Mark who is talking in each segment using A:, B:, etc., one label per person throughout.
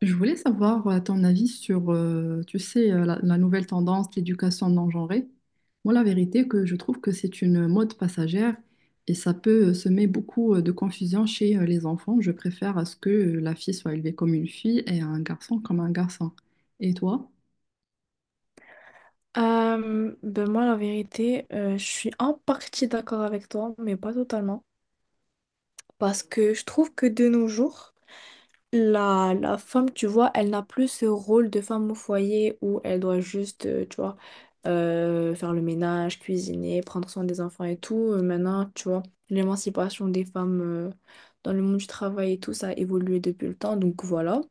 A: Je voulais savoir ton avis sur, tu sais, la nouvelle tendance, l'éducation non genrée. Moi, la vérité, que je trouve que c'est une mode passagère et ça peut semer beaucoup de confusion chez les enfants. Je préfère à ce que la fille soit élevée comme une fille et un garçon comme un garçon. Et toi?
B: Ben moi, la vérité, je suis en partie d'accord avec toi, mais pas totalement. Parce que je trouve que de nos jours, la femme, tu vois, elle n'a plus ce rôle de femme au foyer où elle doit juste, tu vois, faire le ménage, cuisiner, prendre soin des enfants et tout. Maintenant, tu vois, l'émancipation des femmes, dans le monde du travail et tout, ça a évolué depuis le temps. Donc voilà.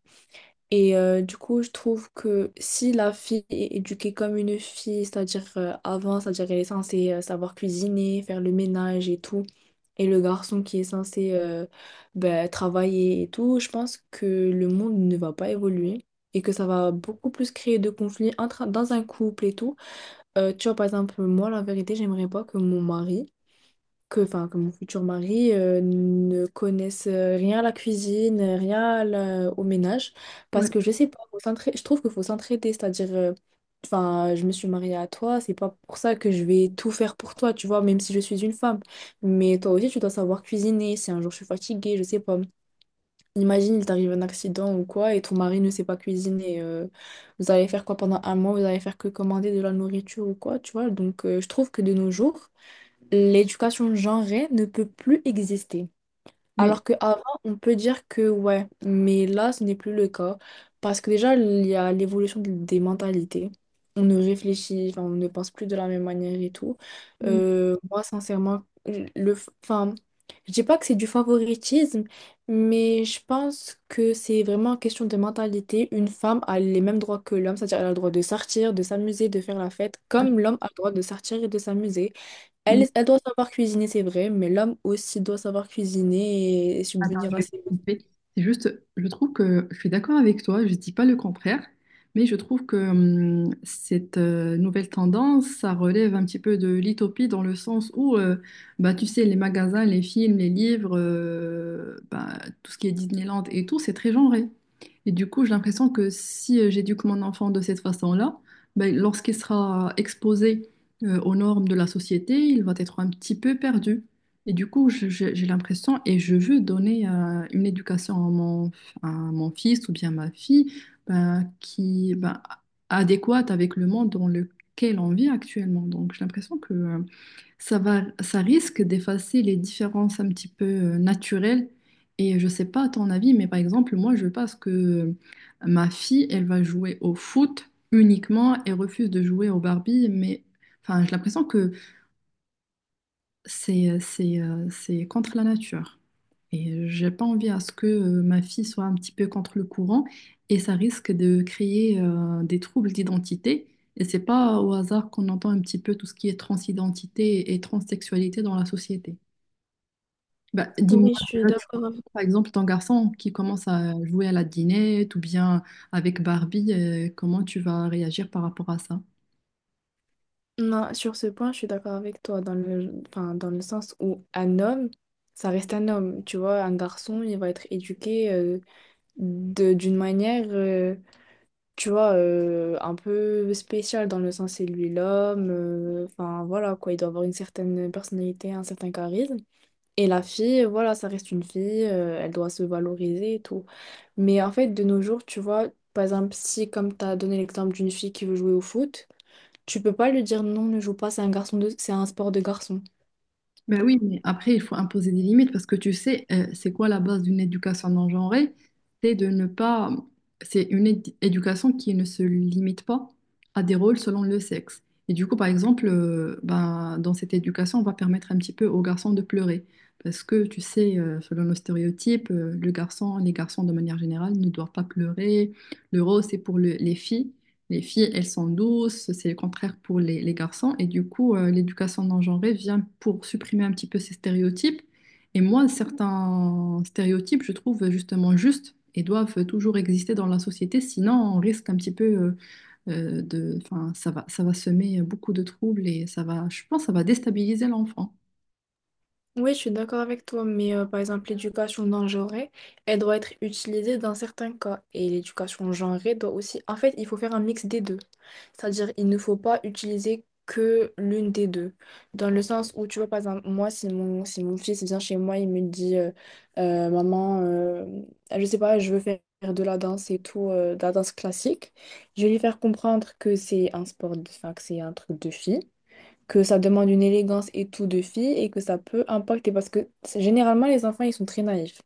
B: Et du coup, je trouve que si la fille est éduquée comme une fille, c'est-à-dire avant, c'est-à-dire elle est censée savoir cuisiner, faire le ménage et tout, et le garçon qui est censé ben, travailler et tout, je pense que le monde ne va pas évoluer et que ça va beaucoup plus créer de conflits entre, dans un couple et tout. Tu vois, par exemple, moi, la vérité, j'aimerais pas que mon mari que, enfin, que mon futur mari ne connaisse rien à la cuisine, rien au ménage,
A: Ouais.
B: parce que je sais pas, je trouve qu'il faut s'entraider, c'est-à-dire, enfin, je me suis mariée à toi, c'est pas pour ça que je vais tout faire pour toi, tu vois, même si je suis une femme, mais toi aussi, tu dois savoir cuisiner, si un jour je suis fatiguée, je sais pas, imagine, il t'arrive un accident ou quoi, et ton mari ne sait pas cuisiner, vous allez faire quoi pendant un mois, vous allez faire que commander de la nourriture ou quoi, tu vois, donc je trouve que de nos jours, l'éducation genrée ne peut plus exister.
A: Mais,
B: Alors qu'avant, on peut dire que ouais, mais là, ce n'est plus le cas. Parce que déjà, il y a l'évolution des mentalités. On ne réfléchit, enfin, on ne pense plus de la même manière et tout. Moi, sincèrement, enfin, je dis pas que c'est du favoritisme, mais je pense que c'est vraiment question de mentalité. Une femme a les mêmes droits que l'homme, c'est-à-dire elle a le droit de sortir, de s'amuser, de faire la fête, comme l'homme a le droit de sortir et de s'amuser.
A: mm.
B: Elle, elle doit savoir cuisiner, c'est vrai, mais l'homme aussi doit savoir cuisiner et
A: Attends,
B: subvenir
A: je
B: à
A: vais te
B: ses besoins.
A: couper. C'est juste, je trouve que je suis d'accord avec toi, je ne dis pas le contraire, mais je trouve que cette nouvelle tendance, ça relève un petit peu de l'utopie dans le sens où, bah, tu sais, les magasins, les films, les livres, bah, tout ce qui est Disneyland et tout, c'est très genré. Et du coup, j'ai l'impression que si j'éduque mon enfant de cette façon-là, ben, lorsqu'il sera exposé aux normes de la société, il va être un petit peu perdu. Et du coup, j'ai l'impression, et je veux donner une éducation à mon fils ou bien ma fille, ben, adéquate avec le monde dans lequel on vit actuellement. Donc, j'ai l'impression que ça va, ça risque d'effacer les différences un petit peu naturelles. Et je sais pas à ton avis, mais par exemple, moi, je pense que ma fille, elle va jouer au foot uniquement et refuse de jouer au Barbie. Mais enfin, j'ai l'impression que c'est contre la nature. Et j'ai pas envie à ce que ma fille soit un petit peu contre le courant et ça risque de créer des troubles d'identité. Et c'est pas au hasard qu'on entend un petit peu tout ce qui est transidentité et transsexualité dans la société. Bah, dis-moi,
B: Oui, je suis
A: déjà,
B: d'accord avec…
A: par exemple, ton garçon qui commence à jouer à la dinette ou bien avec Barbie, comment tu vas réagir par rapport à ça?
B: Non, sur ce point, je suis d'accord avec toi, dans le… Enfin, dans le sens où un homme, ça reste un homme, tu vois, un garçon, il va être éduqué de… d'une manière, tu vois, un peu spéciale, dans le sens, c'est lui l'homme, enfin, voilà, quoi, il doit avoir une certaine personnalité, un certain charisme. Et la fille, voilà, ça reste une fille, elle doit se valoriser et tout. Mais en fait, de nos jours, tu vois, par exemple, si comme tu as donné l'exemple d'une fille qui veut jouer au foot, tu peux pas lui dire non, ne joue pas, c'est un garçon de… c'est un sport de garçon.
A: Ben oui, mais après, il faut imposer des limites parce que tu sais, c'est quoi la base d'une éducation non genrée? C'est de ne pas. C'est une éducation qui ne se limite pas à des rôles selon le sexe. Et du coup, par exemple, ben, dans cette éducation, on va permettre un petit peu aux garçons de pleurer. Parce que tu sais, selon nos stéréotypes, les garçons de manière générale ne doivent pas pleurer. Le rose, c'est pour les filles. Les filles, elles sont douces, c'est le contraire pour les garçons. Et du coup, l'éducation non genrée vient pour supprimer un petit peu ces stéréotypes. Et moi, certains stéréotypes, je trouve justement justes et doivent toujours exister dans la société. Sinon, on risque un petit peu de... Enfin, ça va semer beaucoup de troubles et ça va, je pense, que ça va déstabiliser l'enfant.
B: Oui, je suis d'accord avec toi, mais par exemple, l'éducation non genrée, elle doit être utilisée dans certains cas. Et l'éducation genrée doit aussi… En fait, il faut faire un mix des deux. C'est-à-dire, il ne faut pas utiliser que l'une des deux. Dans le sens où, tu vois, par exemple, moi, si mon fils vient chez moi, il me dit, maman, je sais pas, je veux faire de la danse et tout, de la danse classique, je vais lui faire comprendre que c'est un sport, de, enfin, que c'est un truc de fille, que ça demande une élégance et tout de fille et que ça peut impacter parce que généralement, les enfants, ils sont très naïfs.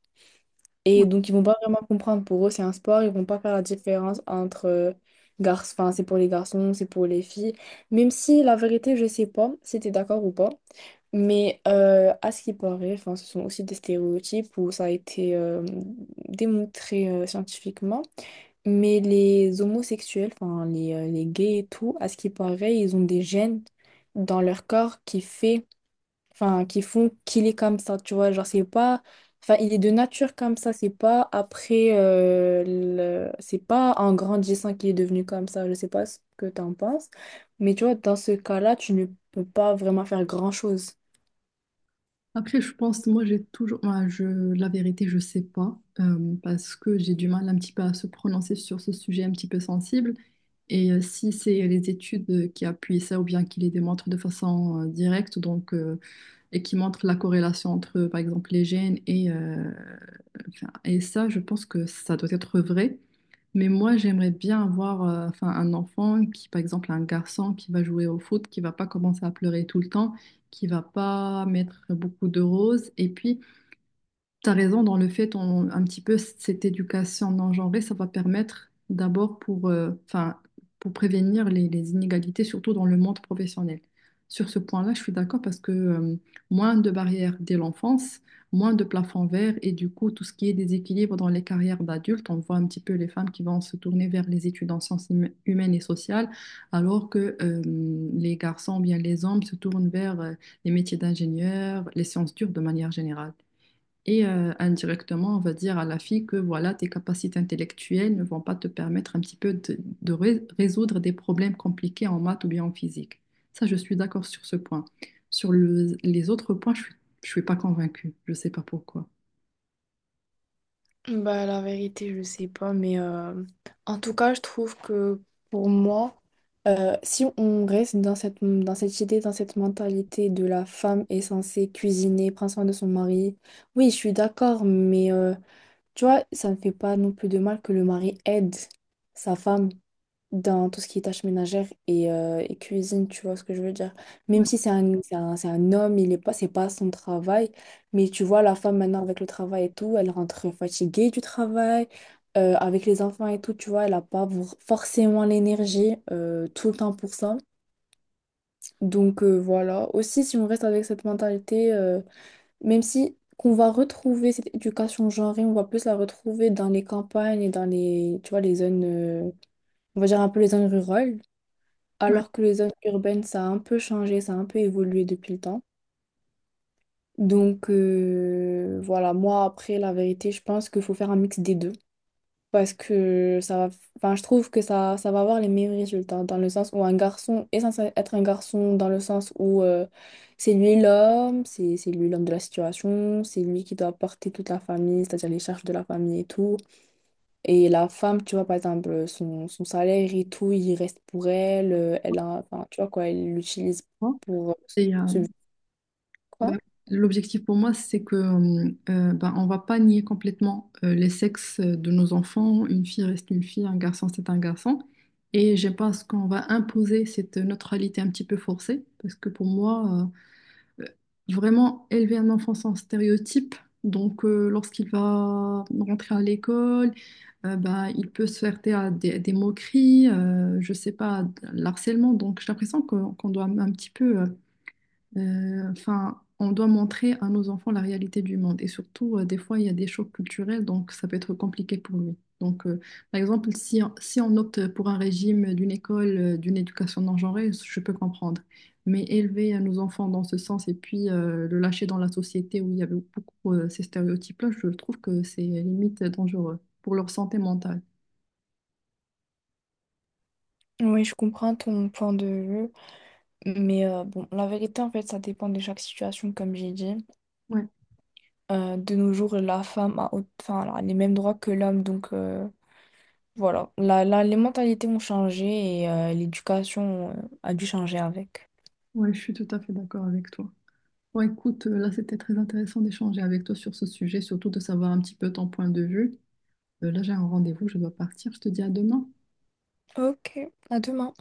A: Ouais.
B: Et donc, ils vont pas vraiment comprendre. Pour eux, c'est un sport. Ils vont pas faire la différence entre garçons. Enfin, c'est pour les garçons, c'est pour les filles. Même si, la vérité, je sais pas si t'es d'accord ou pas. Mais à ce qui paraît, enfin, ce sont aussi des stéréotypes où ça a été démontré scientifiquement. Mais les homosexuels, enfin, les gays et tout, à ce qui paraît, ils ont des gènes dans leur corps qui fait enfin, qui font qu'il est comme ça, tu vois. Genre, c'est pas, enfin, il est de nature comme ça, c'est pas après, c'est pas en grandissant qu'il est devenu comme ça. Je sais pas ce que t'en penses, mais tu vois, dans ce cas-là, tu ne peux pas vraiment faire grand-chose.
A: Après, je pense, moi, j'ai toujours... moi, je... la vérité, je sais pas, parce que j'ai du mal un petit peu à se prononcer sur ce sujet un petit peu sensible. Et si c'est les études qui appuient ça ou bien qui les démontrent de façon directe, donc, et qui montrent la corrélation entre, par exemple, les gènes enfin, et ça, je pense que ça doit être vrai. Mais moi, j'aimerais bien avoir enfin, un enfant qui, par exemple, un garçon qui va jouer au foot, qui va pas commencer à pleurer tout le temps, qui va pas mettre beaucoup de roses. Et puis, t'as raison dans le fait, on, un petit peu cette éducation non genrée, ça va permettre d'abord pour, enfin, pour prévenir les inégalités, surtout dans le monde professionnel. Sur ce point-là, je suis d'accord parce que moins de barrières dès l'enfance, moins de plafonds verts et du coup tout ce qui est déséquilibre dans les carrières d'adultes, on voit un petit peu les femmes qui vont se tourner vers les études en sciences humaines et sociales, alors que les garçons, bien les hommes, se tournent vers les métiers d'ingénieur, les sciences dures de manière générale. Et indirectement, on va dire à la fille que voilà, tes capacités intellectuelles ne vont pas te permettre un petit peu de résoudre des problèmes compliqués en maths ou bien en physique. Ça, je suis d'accord sur ce point. Sur les autres points, je suis pas convaincue. Je ne sais pas pourquoi.
B: Bah, la vérité, je sais pas, mais en tout cas, je trouve que pour moi, si on reste dans cette idée, dans cette mentalité de la femme est censée cuisiner, prendre soin de son mari, oui, je suis d'accord, mais tu vois, ça ne fait pas non plus de mal que le mari aide sa femme dans tout ce qui est tâches ménagères et cuisine, tu vois ce que je veux dire. Même si c'est un homme, il est pas, c'est pas son travail, mais tu vois, la femme maintenant avec le travail et tout, elle rentre fatiguée du travail, avec les enfants et tout, tu vois, elle n'a pas forcément l'énergie tout le temps pour ça. Donc voilà, aussi si on reste avec cette mentalité… même si qu'on va retrouver cette éducation genrée, on va plus la retrouver dans les campagnes et dans les, tu vois, les zones, on va dire un peu les zones rurales,
A: Ouais.
B: alors que les zones urbaines, ça a un peu changé, ça a un peu évolué depuis le temps. Donc voilà, moi après, la vérité, je pense qu'il faut faire un mix des deux parce que ça va, enfin, je trouve que ça va avoir les meilleurs résultats dans le sens où un garçon est censé être un garçon, dans le sens où c'est lui l'homme, c'est lui l'homme de la situation, c'est lui qui doit porter toute la famille, c'est-à-dire les charges de la famille et tout. Et la femme, tu vois, par exemple, son salaire et tout, il reste pour elle, elle a, enfin, tu vois quoi, elle l'utilise
A: Bon.
B: pour, euh,
A: Et,
B: pour subvenir, quoi.
A: ben, l'objectif pour moi, c'est que ben, on va pas nier complètement les sexes de nos enfants. Une fille reste une fille, un garçon c'est un garçon. Et je pense qu'on va imposer cette neutralité un petit peu forcée, parce que pour moi, vraiment élever un enfant sans stéréotype, donc lorsqu'il va rentrer à l'école, ben, il peut se heurter à des moqueries, je sais pas, à l'harcèlement. Donc j'ai l'impression qu'on doit un petit peu enfin, on doit montrer à nos enfants la réalité du monde. Et surtout, des fois, il y a des chocs culturels, donc ça peut être compliqué pour lui. Donc, par exemple, si on opte pour un régime d'une école, d'une éducation non genrée, je peux comprendre. Mais élever à nos enfants dans ce sens et puis le lâcher dans la société où il y avait beaucoup ces stéréotypes-là, je trouve que c'est limite dangereux pour leur santé mentale.
B: Oui, je comprends ton point de vue, mais bon, la vérité, en fait, ça dépend de chaque situation, comme j'ai dit.
A: Ouais,
B: De nos jours, la femme a, enfin, elle a les mêmes droits que l'homme. Donc voilà, les mentalités ont changé et l'éducation a dû changer avec.
A: ouais, je suis tout à fait d'accord avec toi. Bon, écoute, là, c'était très intéressant d'échanger avec toi sur ce sujet, surtout de savoir un petit peu ton point de vue. Là, j'ai un rendez-vous, je dois partir. Je te dis à demain.
B: Ok, à demain.